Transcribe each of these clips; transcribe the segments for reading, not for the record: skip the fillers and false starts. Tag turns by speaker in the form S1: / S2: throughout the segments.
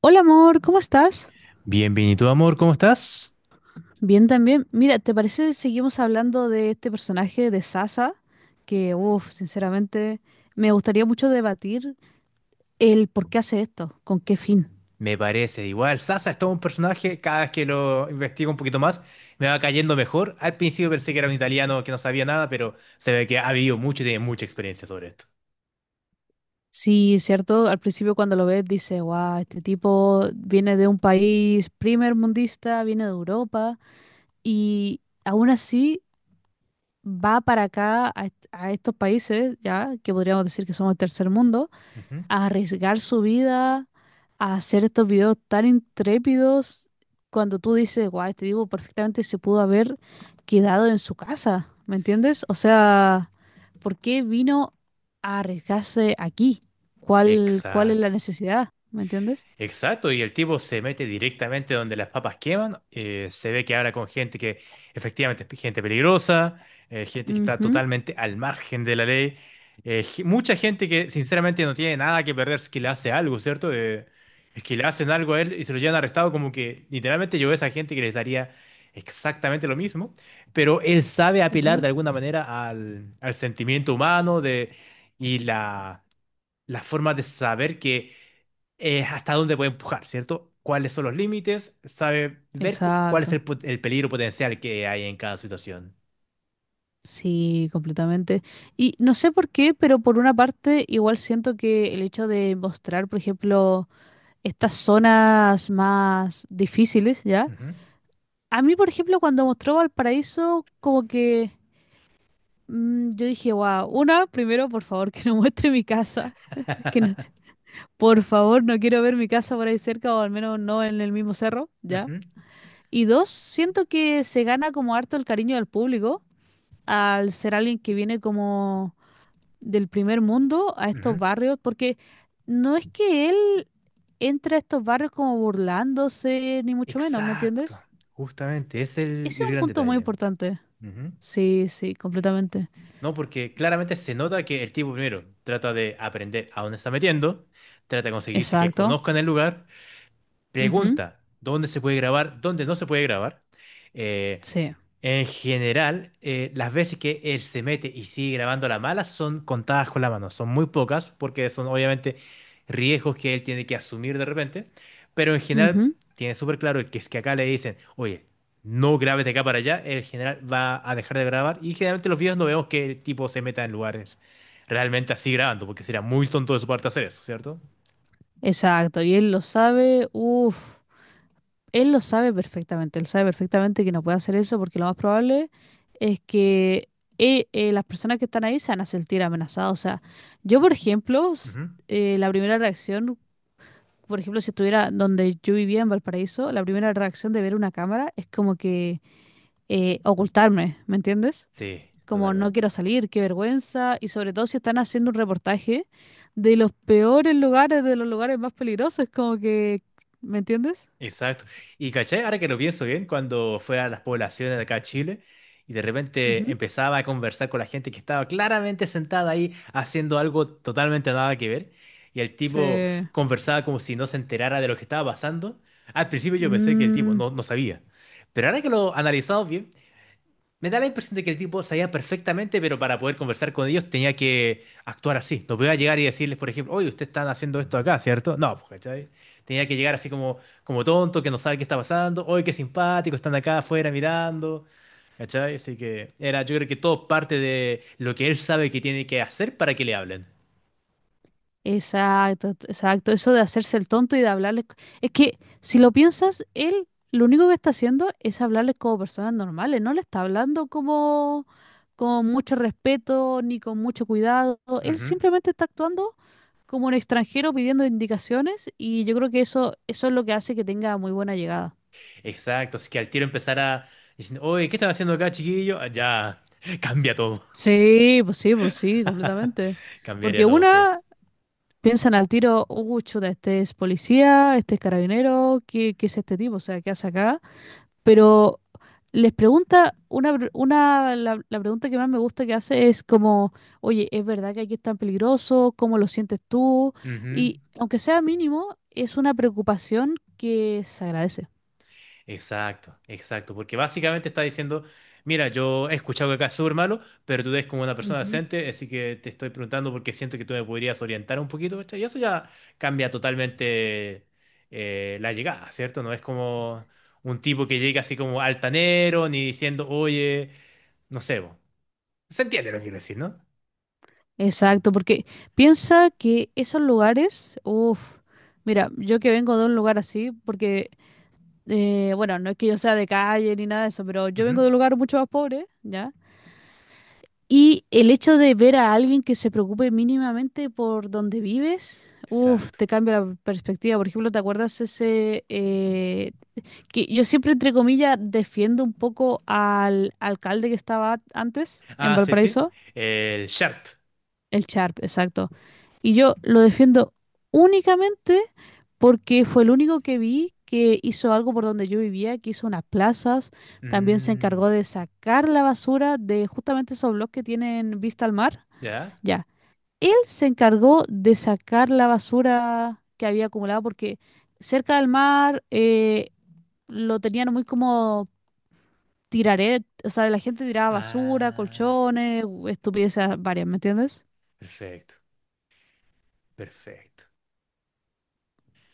S1: Hola amor, ¿cómo estás?
S2: Bien, bien, ¿y tú, amor? ¿Cómo estás?
S1: Bien también. Mira, ¿te parece que seguimos hablando de este personaje de Sasa? Sinceramente, me gustaría mucho debatir el por qué hace esto, con qué fin.
S2: Me parece igual. Sasa es todo un personaje. Cada vez que lo investigo un poquito más, me va cayendo mejor. Al principio pensé que era un italiano que no sabía nada, pero se ve que ha vivido mucho y tiene mucha experiencia sobre esto.
S1: Sí, cierto, al principio cuando lo ves dice, wow, este tipo viene de un país primermundista, viene de Europa y aún así va para acá a estos países, ya, que podríamos decir que somos el tercer mundo,
S2: Ujú.
S1: a arriesgar su vida, a hacer estos videos tan intrépidos, cuando tú dices, guay, este tipo perfectamente se pudo haber quedado en su casa, ¿me entiendes? O sea, ¿por qué vino a arriesgarse aquí? ¿Cuál es la
S2: Exacto.
S1: necesidad? ¿Me entiendes?
S2: Exacto, y el tipo se mete directamente donde las papas queman, se ve que habla con gente que efectivamente es gente peligrosa, gente que está
S1: Ujú,
S2: totalmente al margen de la ley, mucha gente que sinceramente no tiene nada que perder si que le hace algo, ¿cierto? Es que le hacen algo a él y se lo llevan arrestado como que literalmente yo veo a esa gente que les daría exactamente lo mismo, pero él sabe apelar
S1: ujú.
S2: de alguna manera al sentimiento humano de, y la forma de saber que hasta dónde puede empujar, ¿cierto? ¿Cuáles son los límites? Sabe ver cuál es
S1: Exacto.
S2: el peligro potencial que hay en cada situación.
S1: Sí, completamente. Y no sé por qué, pero por una parte igual siento que el hecho de mostrar, por ejemplo, estas zonas más difíciles, ¿ya?
S2: Ujú.
S1: A mí, por ejemplo, cuando mostró Valparaíso, como que yo dije, wow, una, primero, por favor, que no muestre mi casa, que no- por favor, no quiero ver mi casa por ahí cerca o al menos no en el mismo cerro, ¿ya?
S2: Ujú,
S1: Y dos, siento que se gana como harto el cariño del público al ser alguien que viene como del primer mundo a estos
S2: ujú.
S1: barrios, porque no es que él entre a estos barrios como burlándose, ni mucho menos, ¿me
S2: Exacto,
S1: entiendes?
S2: justamente, ese es
S1: Ese
S2: el
S1: es un
S2: gran
S1: punto muy
S2: detalle.
S1: importante. Sí, sí, completamente.
S2: No, porque claramente se nota que el tipo primero trata de aprender a dónde está metiendo, trata de conseguirse que
S1: Exacto.
S2: conozcan el lugar.
S1: Ujú.
S2: Pregunta, ¿dónde se puede grabar? ¿Dónde no se puede grabar? Eh,
S1: Sí.
S2: en general, las veces que él se mete y sigue grabando a la mala son contadas con la mano, son muy pocas porque son obviamente riesgos que él tiene que asumir de repente, pero en general
S1: Ujú.
S2: tiene súper claro que es que acá le dicen, oye, no grabes de acá para allá, el general va a dejar de grabar y generalmente los videos no vemos que el tipo se meta en lugares realmente así grabando porque sería muy tonto de su parte hacer eso, ¿cierto?
S1: Exacto. Y él lo sabe, uff, él lo sabe perfectamente, él sabe perfectamente que no puede hacer eso porque lo más probable es que las personas que están ahí se van a sentir amenazadas. O sea, yo, por ejemplo,
S2: Ujú.
S1: la primera reacción, por ejemplo, si estuviera donde yo vivía en Valparaíso, la primera reacción de ver una cámara es como que ocultarme, ¿me entiendes?
S2: Sí,
S1: Como no
S2: totalmente.
S1: quiero salir, qué vergüenza, y sobre todo si están haciendo un reportaje de los peores lugares, de los lugares más peligrosos, como que, ¿me entiendes?
S2: Exacto. Y caché, ahora que lo pienso bien, cuando fue a las poblaciones de acá a Chile y de repente
S1: Ujú.
S2: empezaba a conversar con la gente que estaba claramente sentada ahí haciendo algo totalmente nada que ver y el
S1: Sí.
S2: tipo conversaba como si no se enterara de lo que estaba pasando. Al principio yo pensé que el tipo
S1: Mm,
S2: no sabía, pero ahora que lo analizamos bien, me da la impresión de que el tipo sabía perfectamente, pero para poder conversar con ellos tenía que actuar así. No podía llegar y decirles, por ejemplo, oye, ustedes están haciendo esto acá, ¿cierto? No, pues, ¿cachai? Tenía que llegar así como, como tonto, que no sabe qué está pasando. Oye, qué simpático, están acá afuera mirando. ¿Cachai? Así que era, yo creo que todo parte de lo que él sabe que tiene que hacer para que le hablen.
S1: exacto. Eso de hacerse el tonto y de hablarles. Es que si lo piensas, él lo único que está haciendo es hablarles como personas normales, no le está hablando como con mucho respeto ni con mucho cuidado. Él
S2: Ujú.
S1: simplemente está actuando como un extranjero pidiendo indicaciones y yo creo que eso es lo que hace que tenga muy buena llegada.
S2: Exacto, así que al tiro empezara diciendo, oye, ¿qué están haciendo acá, chiquillo? Ah, ya, cambia todo.
S1: Sí, pues sí, pues sí, completamente.
S2: Cambiaría
S1: Porque
S2: todo, sí.
S1: una piensan al tiro, chuta, este es policía, este es carabinero, ¿qué es este tipo? O sea, ¿qué hace acá? Pero les pregunta, una, la pregunta que más me gusta que hace es como, oye, ¿es verdad que aquí es tan peligroso? ¿Cómo lo sientes tú?
S2: Ujú.
S1: Y aunque sea mínimo, es una preocupación que se agradece.
S2: Exacto, exacto, porque básicamente está diciendo, mira, yo he escuchado que acá es súper malo, pero tú eres como una persona
S1: Ujú.
S2: decente, así que te estoy preguntando porque siento que tú me podrías orientar un poquito, ¿cachai? Y eso ya cambia totalmente la llegada, ¿cierto? No es como un tipo que llega así como altanero, ni diciendo, oye, no sé, bo". Se entiende lo que quiero decir, ¿no?
S1: Exacto, porque piensa que esos lugares, uff, mira, yo que vengo de un lugar así, porque, bueno, no es que yo sea de calle ni nada de eso, pero yo vengo
S2: Ujú.
S1: de un lugar mucho más pobre, ¿ya? Y el hecho de ver a alguien que se preocupe mínimamente por donde vives, uff,
S2: Exacto.
S1: te cambia la perspectiva. Por ejemplo, ¿te acuerdas ese, que yo siempre, entre comillas, defiendo un poco al alcalde que estaba antes en
S2: Ah, sí, sí,
S1: Valparaíso?
S2: el sharp.
S1: El Sharp, exacto. Y yo lo defiendo únicamente porque fue el único que vi que hizo algo por donde yo vivía, que hizo unas plazas, también se
S2: Mm,
S1: encargó de sacar la basura de justamente esos bloques que tienen vista al mar.
S2: ¿ya?
S1: Ya, él se encargó de sacar la basura que había acumulado porque cerca del mar lo tenían muy como tiraret, o sea, la gente tiraba basura,
S2: Ah,
S1: colchones, estupideces varias, ¿me entiendes?
S2: perfecto, perfecto.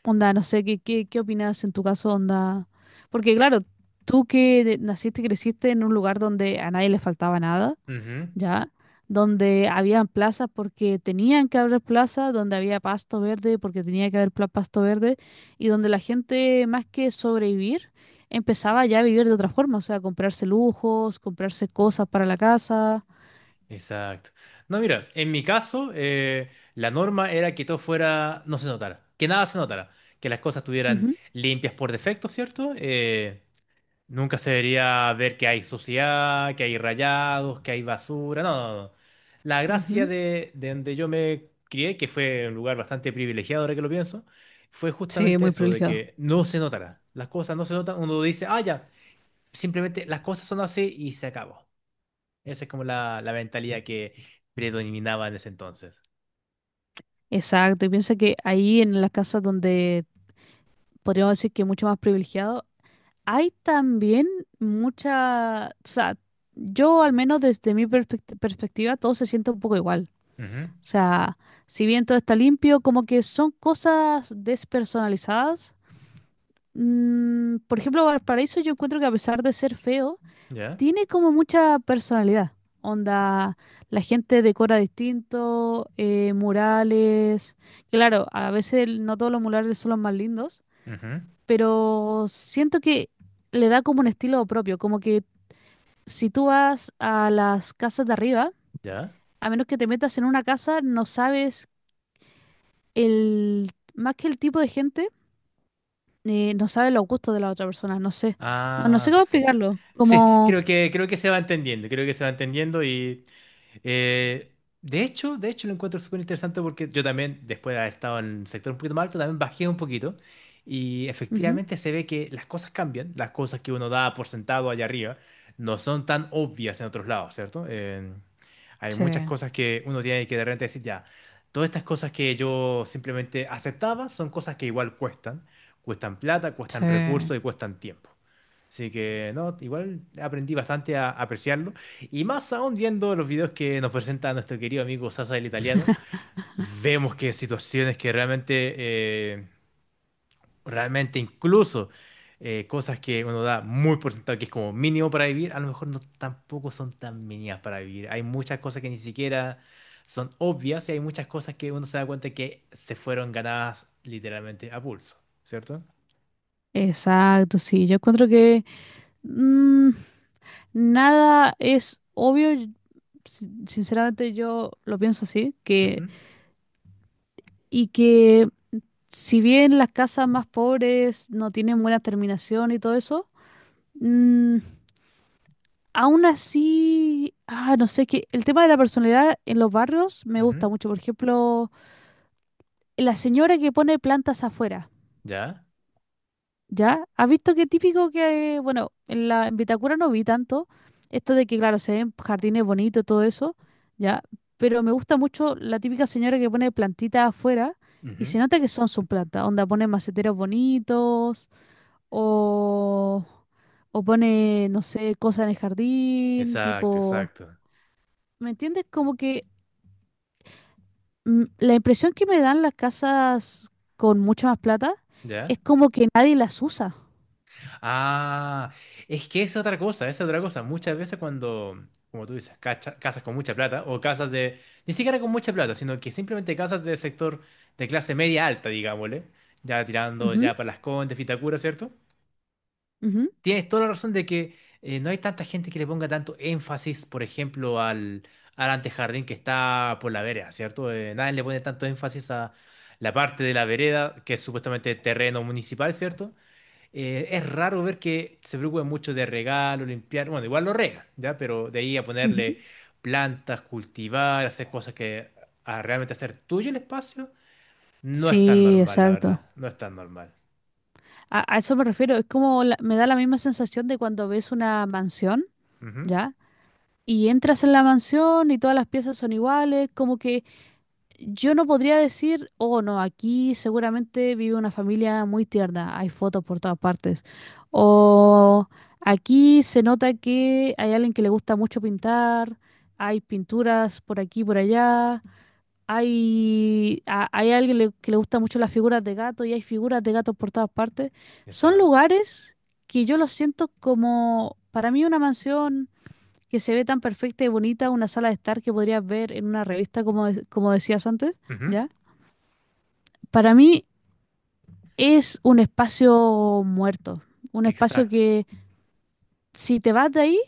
S1: Onda, no sé, ¿qué opinas en tu caso, onda? Porque claro, tú que naciste y creciste en un lugar donde a nadie le faltaba nada,
S2: Ujú.
S1: ¿ya? Donde habían plazas porque tenían que haber plazas, donde había pasto verde porque tenía que haber pasto verde, y donde la gente, más que sobrevivir, empezaba ya a vivir de otra forma, o sea, comprarse lujos, comprarse cosas para la casa.
S2: Exacto. No, mira, en mi caso, la norma era que todo fuera, no se notara, que nada se notara, que las cosas estuvieran
S1: Ujú,
S2: limpias por defecto, ¿cierto? Nunca se debería ver que hay suciedad, que hay rayados, que hay basura, no, no, no. La gracia
S1: ujú.
S2: de donde yo me crié, que fue un lugar bastante privilegiado ahora que lo pienso, fue
S1: Sí,
S2: justamente
S1: muy
S2: eso, de
S1: privilegiado.
S2: que no se notara. Las cosas no se notan, uno dice, ah, ya, simplemente las cosas son así y se acabó. Esa es como la mentalidad que predominaba en ese entonces.
S1: Exacto, y piensa que ahí en las casas donde podríamos decir que mucho más privilegiado. Hay también mucha, o sea, yo al menos desde mi perspectiva todo se siente un poco igual.
S2: Ujú.
S1: O sea, si bien todo está limpio, como que son cosas despersonalizadas. Mm, por ejemplo, Valparaíso yo encuentro que a pesar de ser feo,
S2: Ya,
S1: tiene como mucha personalidad. Onda, la gente decora distinto, murales. Claro, a veces no todos los murales son los más lindos,
S2: ujú,
S1: pero siento que le da como un estilo propio, como que si tú vas a las casas de arriba,
S2: ya.
S1: a menos que te metas en una casa, no sabes el, más que el tipo de gente, no sabes los gustos de la otra persona, no sé, no, no
S2: Ah,
S1: sé cómo
S2: perfecto.
S1: explicarlo,
S2: Sí,
S1: como...
S2: creo que se va entendiendo, creo que se va entendiendo y Eh, de hecho lo encuentro súper interesante porque yo también, después de haber estado en el sector un poquito más alto, también bajé un poquito y
S1: Ujú.
S2: efectivamente se ve que las cosas cambian, las cosas que uno da por sentado allá arriba no son tan obvias en otros lados, ¿cierto? Hay
S1: Sí,
S2: muchas cosas que uno tiene que de repente decir, ya, todas estas cosas que yo simplemente aceptaba son cosas que igual cuestan, cuestan plata,
S1: sí.
S2: cuestan recursos y cuestan tiempo. Así que, no, igual aprendí bastante a apreciarlo. Y más aún viendo los videos que nos presenta nuestro querido amigo Sasa el italiano, vemos que situaciones que realmente, eh, realmente incluso cosas que uno da muy por sentado que es como mínimo para vivir, a lo mejor no tampoco son tan mínimas para vivir. Hay muchas cosas que ni siquiera son obvias y hay muchas cosas que uno se da cuenta que se fueron ganadas literalmente a pulso, cierto.
S1: Exacto, sí, yo encuentro que mm, nada es obvio, y sinceramente yo lo pienso así,
S2: Ujú,
S1: que, y que si bien las casas más pobres no tienen buena terminación y todo eso, mm, aún así, ah, no sé, es que el tema de la personalidad en los barrios me
S2: ujú.
S1: gusta mucho. Por ejemplo, la señora que pone plantas afuera,
S2: ¿Ya?
S1: ¿ya? ¿Has visto qué típico que, bueno, en Vitacura no vi tanto, esto de que, claro, se ven jardines bonitos, todo eso, ¿ya? Pero me gusta mucho la típica señora que pone plantitas afuera y
S2: Ujú.
S1: se nota que son sus plantas, onda pone maceteros bonitos. o, o pone, no sé, cosas en el jardín,
S2: Exacto,
S1: tipo,
S2: exacto.
S1: ¿me entiendes? Como que la impresión que me dan las casas con mucha más plata es
S2: ¿Ya?
S1: como que nadie las usa.
S2: Ah, es que es otra cosa, es otra cosa. Muchas veces cuando, como tú dices, casas con mucha plata o casas de, ni siquiera con mucha plata, sino que simplemente casas del sector de clase media alta, digámosle, ya tirando
S1: Ujú,
S2: ya para Las Condes, Vitacura, ¿cierto? Tienes toda la razón de que no hay tanta gente que le ponga tanto énfasis, por ejemplo, al antejardín que está por la vereda, ¿cierto? Nadie le pone tanto énfasis a la parte de la vereda, que es supuestamente terreno municipal, ¿cierto? Es raro ver que se preocupen mucho de regalo, limpiar. Bueno, igual lo regan, ¿ya? Pero de ahí a
S1: ujú, ujú.
S2: ponerle plantas, cultivar, hacer cosas que a realmente hacer tuyo el espacio, no es tan
S1: Sí,
S2: normal, la
S1: exacto.
S2: verdad. No es tan normal.
S1: A eso me refiero, es como me da la misma sensación de cuando ves una mansión,
S2: Ujú.
S1: ¿ya? Y entras en la mansión y todas las piezas son iguales, como que yo no podría decir, oh no, aquí seguramente vive una familia muy tierna, hay fotos por todas partes. O aquí se nota que hay alguien que le gusta mucho pintar, hay pinturas por aquí y por allá, hay alguien que le gusta mucho las figuras de gato y hay figuras de gatos por todas partes. Son
S2: Exacto.
S1: lugares que yo los siento como, para mí una mansión que se ve tan perfecta y bonita una sala de estar que podrías ver en una revista, como, como decías antes,
S2: Ujú.
S1: ¿ya? Para mí es un espacio muerto, un espacio
S2: Exacto.
S1: que si te vas de ahí,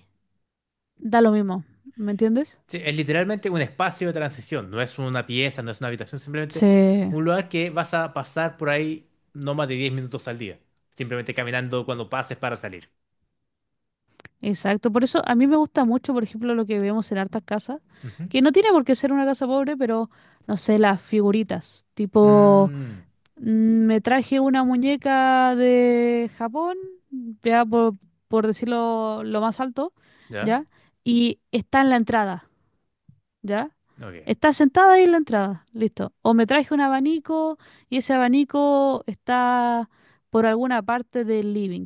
S1: da lo mismo, ¿me entiendes?
S2: Sí, es literalmente un espacio de transición. No es una pieza, no es una habitación,
S1: Sí,
S2: simplemente un lugar que vas a pasar por ahí no más de 10 minutos al día. Simplemente caminando cuando pases para salir.
S1: exacto. Por eso a mí me gusta mucho, por ejemplo, lo que vemos en hartas casas,
S2: Ujú.
S1: que no tiene por qué ser una casa pobre, pero no sé, las figuritas, tipo
S2: Mm,
S1: Me traje una muñeca de Japón, ya por, por decirlo lo más alto,
S2: ¿ya?
S1: ¿ya? Y está en la entrada, ¿ya?
S2: Ok.
S1: Está sentada ahí en la entrada, listo. O me traje un abanico y ese abanico está por alguna parte del living.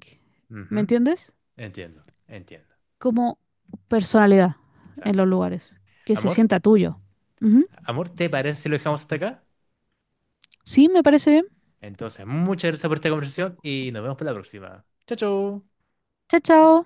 S1: ¿Me
S2: Ujú.
S1: entiendes?
S2: Entiendo, entiendo.
S1: Como personalidad en
S2: Exacto.
S1: los lugares, que se
S2: Amor,
S1: sienta tuyo. Ujú.
S2: amor, ¿te parece si lo dejamos hasta acá?
S1: Sí, me parece bien.
S2: Entonces, muchas gracias por esta conversación y nos vemos para la próxima. Chao, chao.
S1: Chao, chao.